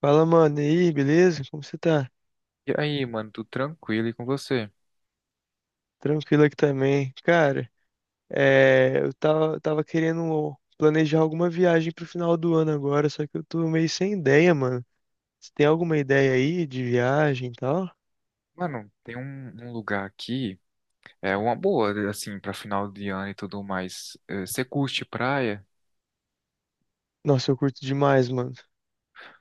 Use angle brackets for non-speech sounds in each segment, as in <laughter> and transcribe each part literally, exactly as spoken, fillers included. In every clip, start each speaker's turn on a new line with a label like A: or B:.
A: Fala, mano, e aí, beleza? Como você tá?
B: E aí, mano, tudo tranquilo e com você?
A: Tranquilo aqui também. Cara, é, eu tava, tava querendo planejar alguma viagem pro final do ano agora, só que eu tô meio sem ideia, mano. Você tem alguma ideia aí de viagem e tal?
B: Mano, tem um, um lugar aqui, é uma boa, assim, pra final de ano e tudo mais. Eh, Você curte praia?
A: Nossa, eu curto demais, mano.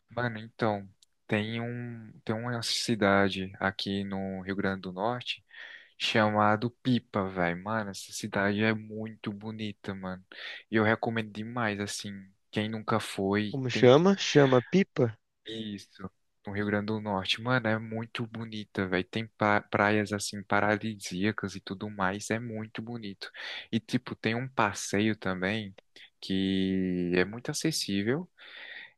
B: Mano, então, tem um, tem uma cidade aqui no Rio Grande do Norte chamado Pipa, velho. Mano, essa cidade é muito bonita, mano. E eu recomendo demais, assim, quem nunca foi,
A: Como
B: tem.
A: chama? Chama Pipa?
B: Isso, no Rio Grande do Norte. Mano, é muito bonita, velho. Tem pa- praias assim paradisíacas e tudo mais, é muito bonito. E tipo, tem um passeio também que é muito acessível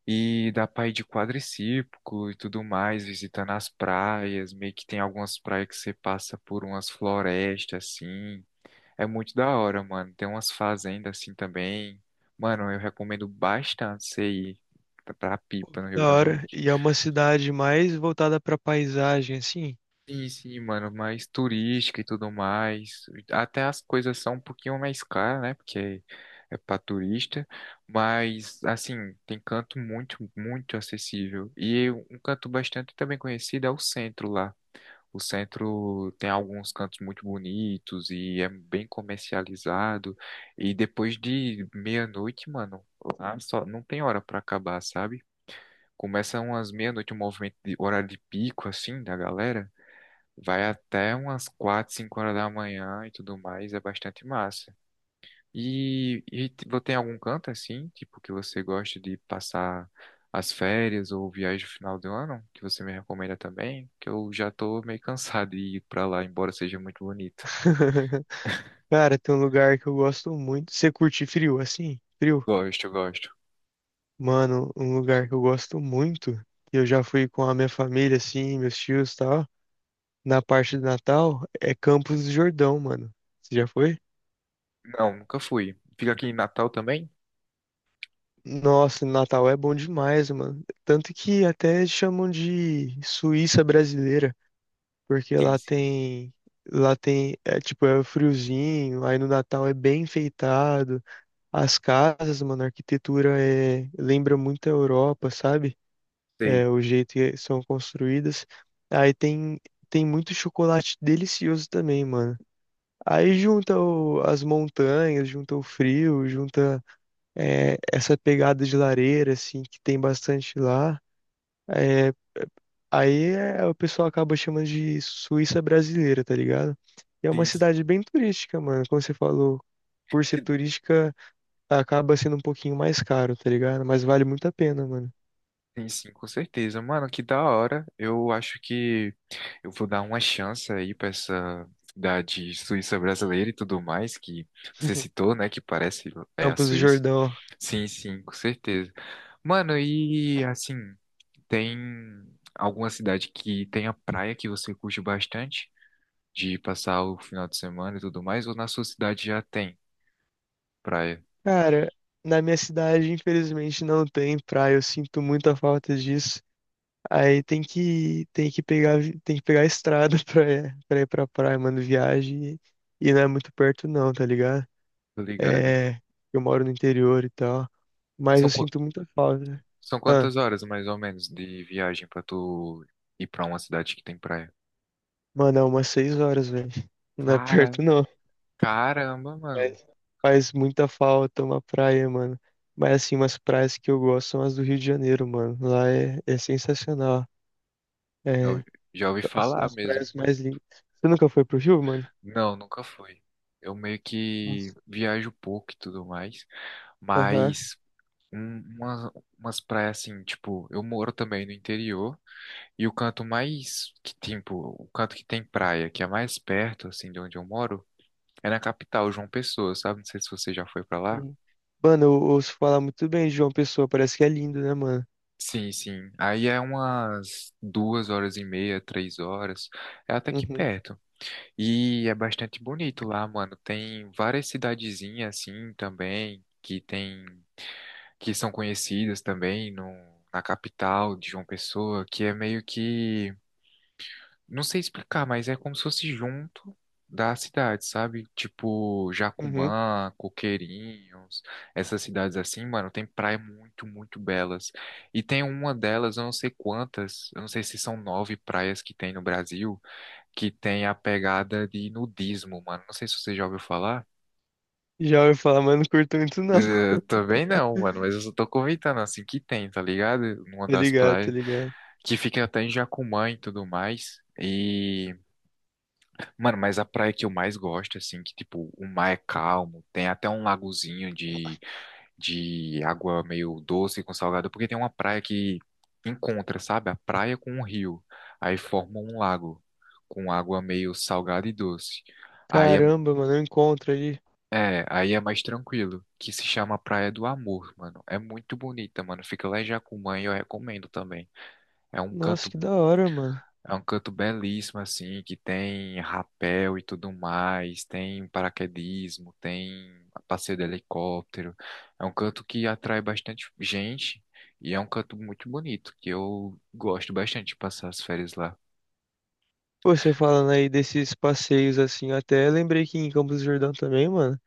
B: e dá pra ir de quadriciclo e tudo mais, visitando as praias. Meio que tem algumas praias que você passa por umas florestas assim. É muito da hora, mano. Tem umas fazendas assim também. Mano, eu recomendo bastante você ir pra pra Pipa, no Rio
A: Da
B: Grande do
A: hora.
B: Norte.
A: E é uma cidade mais voltada pra paisagem, assim.
B: Sim, sim, mano, mais turística e tudo mais. Até as coisas são um pouquinho mais caras, né? Porque é pra turista, mas assim, tem canto muito, muito acessível. E um canto bastante também conhecido é o centro lá. O centro tem alguns cantos muito bonitos e é bem comercializado. E depois de meia-noite, mano, lá só não tem hora pra acabar, sabe? Começa umas meia-noite, o movimento de horário de pico, assim, da galera. Vai até umas quatro, cinco horas da manhã e tudo mais, é bastante massa. E, e t- você tem algum canto assim, tipo, que você gosta de passar as férias ou viagem no final do ano, que você me recomenda também? Que eu já tô meio cansado de ir pra lá, embora seja muito bonito.
A: <laughs> Cara, tem um lugar que eu gosto muito. Você curte frio, assim? Frio?
B: Gosto, gosto.
A: Mano, um lugar que eu gosto muito, que eu já fui com a minha família, assim, meus tios e tal, na parte do Natal, é Campos do Jordão, mano. Você já foi?
B: Não, nunca fui. Fica aqui em Natal também?
A: Nossa, Natal é bom demais, mano. Tanto que até chamam de Suíça brasileira, porque
B: Sim,
A: lá
B: sim.
A: tem, lá tem, é tipo, é friozinho, aí no Natal é bem enfeitado. As casas, mano, a arquitetura é, lembra muito a Europa, sabe?
B: Sei.
A: É, o jeito que são construídas. Aí tem, tem muito chocolate delicioso também, mano. Aí junta o- as montanhas, junta o frio, junta é, essa pegada de lareira, assim, que tem bastante lá. É, aí é- o pessoal acaba chamando de Suíça brasileira, tá ligado? E é uma
B: Sim, sim.
A: cidade bem turística, mano. Como você falou, por ser
B: Que-
A: turística, acaba sendo um pouquinho mais caro, tá ligado? Mas vale muito a pena, mano.
B: Sim, sim, com certeza. Mano, que da hora. Eu acho que eu vou dar uma chance aí para essa da de Suíça brasileira e tudo mais que você
A: <laughs>
B: citou, né? Que parece é a
A: Campos do
B: Suíça.
A: Jordão.
B: Sim, sim, com certeza. Mano, e assim, tem alguma cidade que tenha praia que você curte bastante de passar o final de semana e tudo mais, ou na sua cidade já tem praia?
A: Cara, na minha cidade, infelizmente, não tem praia. Eu sinto muita falta disso. Aí tem que, tem que pegar, vi- tem que pegar a estrada <laughs> pra, pra ir pra praia, mano, viagem. E, e não é muito perto não, tá ligado?
B: Tô ligado.
A: É, eu moro no interior e tal. Mas eu
B: São, qu-
A: sinto muita falta.
B: são
A: Ah,
B: quantas horas mais ou menos de viagem pra tu ir pra uma cidade que tem praia?
A: mano, é umas seis horas, velho. Não é
B: Cara,
A: perto não.
B: caramba, mano.
A: Mas faz muita falta uma praia, mano. Mas assim, umas praias que eu gosto são as do Rio de Janeiro, mano. Lá é, é sensacional.
B: Já
A: É,
B: ouvi, já ouvi
A: são
B: falar
A: as
B: mesmo.
A: praias mais lindas. Você nunca foi pro Rio, mano?
B: Não, nunca fui. Eu meio que
A: Nossa.
B: viajo pouco e tudo mais,
A: Aham.
B: mas um- umas, umas praias assim, tipo, eu moro também no interior e o canto mais que tipo, o canto que tem praia, que é mais perto assim de onde eu moro, é na capital, João Pessoa, sabe? Não sei se você já foi pra lá.
A: Sim. Mano, eu ouço falar muito bem de João Pessoa, parece que é lindo, né, mano?
B: Sim, sim. Aí é umas duas horas e meia, três horas. É até que
A: Uhum,
B: perto. E é bastante bonito lá, mano. Tem várias cidadezinhas assim também que tem que são conhecidas também no, na capital de João Pessoa, que é meio que não sei explicar, mas é como se fosse junto da cidade, sabe? Tipo
A: uhum.
B: Jacumã, Coqueirinhos, essas cidades assim, mano, tem praias muito, muito belas. E tem uma delas, eu não sei quantas, eu não sei se são nove praias que tem no Brasil que tem a pegada de nudismo, mano. Não sei se você já ouviu falar.
A: Já ouvi falar, mas não curto muito, não.
B: Eh,
A: <laughs>
B: também não, mano, mas eu só tô comentando assim que tem, tá ligado? Numa
A: Tá
B: das
A: ligado, tá
B: praias
A: ligado.
B: que fica até em Jacumã e tudo mais. E, mano, mas a praia que eu mais gosto, assim, que tipo, o mar é calmo, tem até um lagozinho de, de água meio doce com salgado, porque tem uma praia que encontra, sabe? A praia com um rio, aí forma um lago com água meio salgada e doce. Aí é.
A: Caramba, mano, eu encontro ali.
B: É, aí é mais tranquilo, que se chama Praia do Amor, mano. É muito bonita, mano. Fica lá em Jacumã e eu recomendo também. É um
A: Nossa,
B: canto,
A: que da hora, mano.
B: é um canto belíssimo assim, que tem rapel e tudo mais, tem paraquedismo, tem passeio de helicóptero. É um canto que atrai bastante gente e é um canto muito bonito, que eu gosto bastante de passar as férias lá.
A: Pô, você falando aí desses passeios assim, eu até lembrei que em Campos do Jordão também, mano,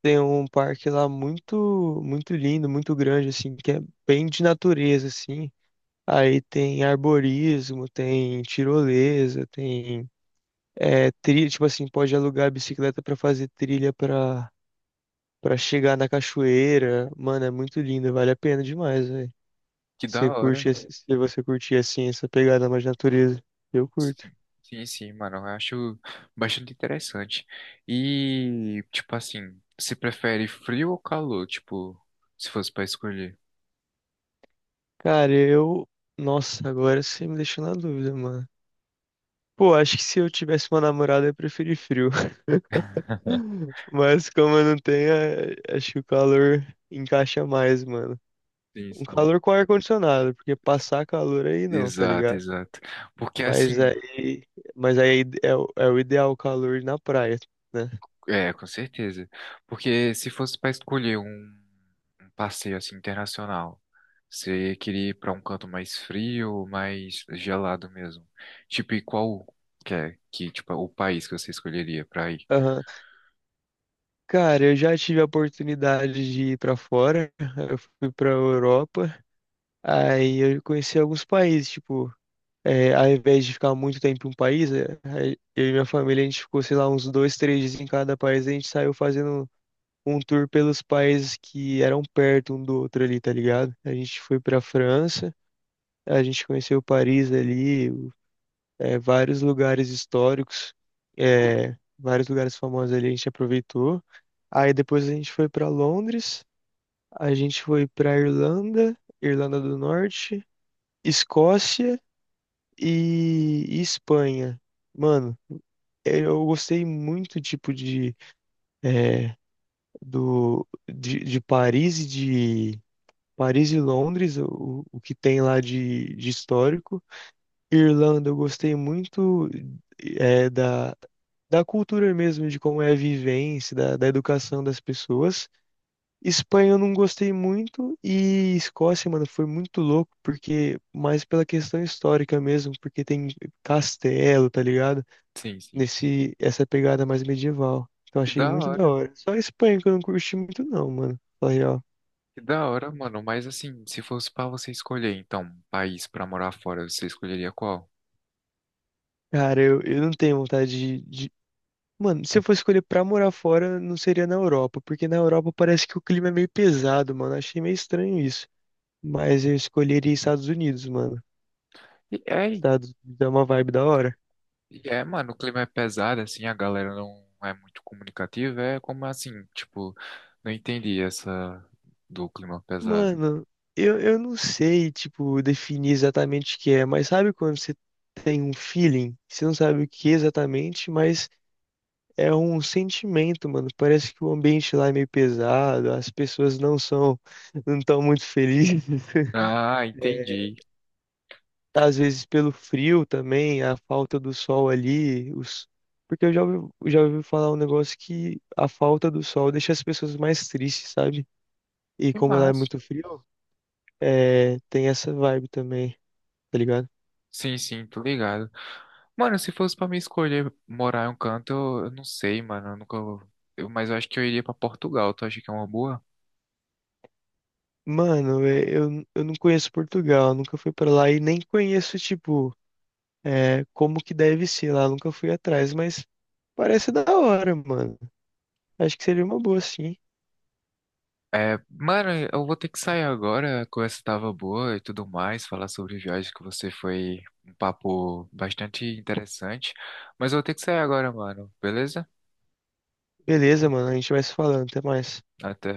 A: tem um parque lá muito, muito lindo, muito grande, assim, que é bem de natureza, assim. Aí tem arborismo, tem tirolesa, tem é, trilha, tipo assim, pode alugar a bicicleta pra fazer trilha pra para chegar na cachoeira. Mano, é muito lindo, vale a pena demais, velho.
B: Que da
A: Você
B: hora.
A: curte, esse- se você curtir assim essa pegada mais natureza, eu curto.
B: Sim, sim, sim, mano, eu acho bastante interessante. E, tipo assim, você prefere frio ou calor? Tipo, se fosse pra escolher.
A: Cara, eu, nossa, agora você me deixou na dúvida, mano. Pô, acho que se eu tivesse uma namorada, eu preferia frio.
B: <laughs>
A: <laughs> Mas como eu não tenho, é- acho que o calor encaixa mais, mano.
B: Sim,
A: Um
B: sim.
A: calor com ar-condicionado, porque passar calor aí não, tá
B: Exato,
A: ligado?
B: exato. Porque assim,
A: Mas aí, mas aí é, o- é o ideal calor na praia, né?
B: é, com certeza. Porque se fosse pra escolher um, um passeio assim internacional, você queria ir pra um canto mais frio ou mais gelado mesmo? Tipo, e qual que é que, tipo, o país que você escolheria pra ir?
A: Aham. Cara, eu já tive a oportunidade de ir pra fora, eu fui pra Europa, aí eu conheci alguns países, tipo, é, ao invés de ficar muito tempo em um país, é, aí eu e minha família, a gente ficou, sei lá, uns dois, três dias em cada país, a gente saiu fazendo um tour pelos países que eram perto um do outro ali, tá ligado? A gente foi pra França, a gente conheceu Paris ali, o- é, vários lugares históricos, é, vários lugares famosos ali a gente aproveitou. Aí depois a gente foi para Londres, a gente foi para Irlanda, Irlanda do Norte, Escócia e, e Espanha. Mano, eu gostei muito tipo de é, do de, de Paris e de Paris e Londres, o, o que tem lá de, de histórico. Irlanda, eu gostei muito é, da, da cultura mesmo, de como é a vivência, da, da educação das pessoas. Espanha eu não gostei muito e Escócia, mano, foi muito louco, porque mais pela questão histórica mesmo, porque tem castelo, tá ligado?
B: Sim, sim.
A: Nesse, essa pegada mais medieval. Então
B: Que
A: achei
B: da
A: muito da
B: hora.
A: hora. Só a Espanha que eu não curti muito não, mano. Falei, ó,
B: Que da hora, mano. Mas assim, se fosse pra você escolher, então, um país pra morar fora, você escolheria qual?
A: cara, eu, eu não tenho vontade de, mano, se eu fosse escolher pra morar fora, não seria na Europa, porque na Europa parece que o clima é meio pesado, mano. Achei meio estranho isso. Mas eu escolheria Estados Unidos, mano.
B: E é,
A: Estados dá uma vibe da hora.
B: e é, mano, o clima é pesado, assim, a galera não é muito comunicativa. É como assim, tipo, não entendi essa do clima pesado.
A: Mano, eu, eu não sei, tipo, definir exatamente o que é, mas sabe quando você tem um feeling? Você não sabe o que exatamente, mas é um sentimento, mano. Parece que o ambiente lá é meio pesado, as pessoas não são, não estão muito felizes.
B: Ah, entendi.
A: Tá, às vezes pelo frio também, a falta do sol ali, os... porque eu já ouvi, já ouvi falar um negócio que a falta do sol deixa as pessoas mais tristes, sabe? E
B: Que
A: como lá é
B: massa.
A: muito frio, é, tem essa vibe também, tá ligado?
B: Sim, sim, tô ligado. Mano, se fosse pra me escolher morar em um canto, eu, eu não sei, mano. Eu nunca. eu- mas eu acho que eu iria pra Portugal. Tu acha que é uma boa?
A: Mano, é, eu, eu não conheço Portugal, nunca fui pra lá e nem conheço, tipo, é, como que deve ser lá, nunca fui atrás, mas parece da hora, mano. Acho que seria uma boa, sim.
B: É, mano, eu vou ter que sair agora. A conversa tava boa e tudo mais. Falar sobre viagem que você foi um papo bastante interessante. Mas eu vou ter que sair agora, mano. Beleza?
A: Beleza, mano, a gente vai se falando, até mais.
B: Até.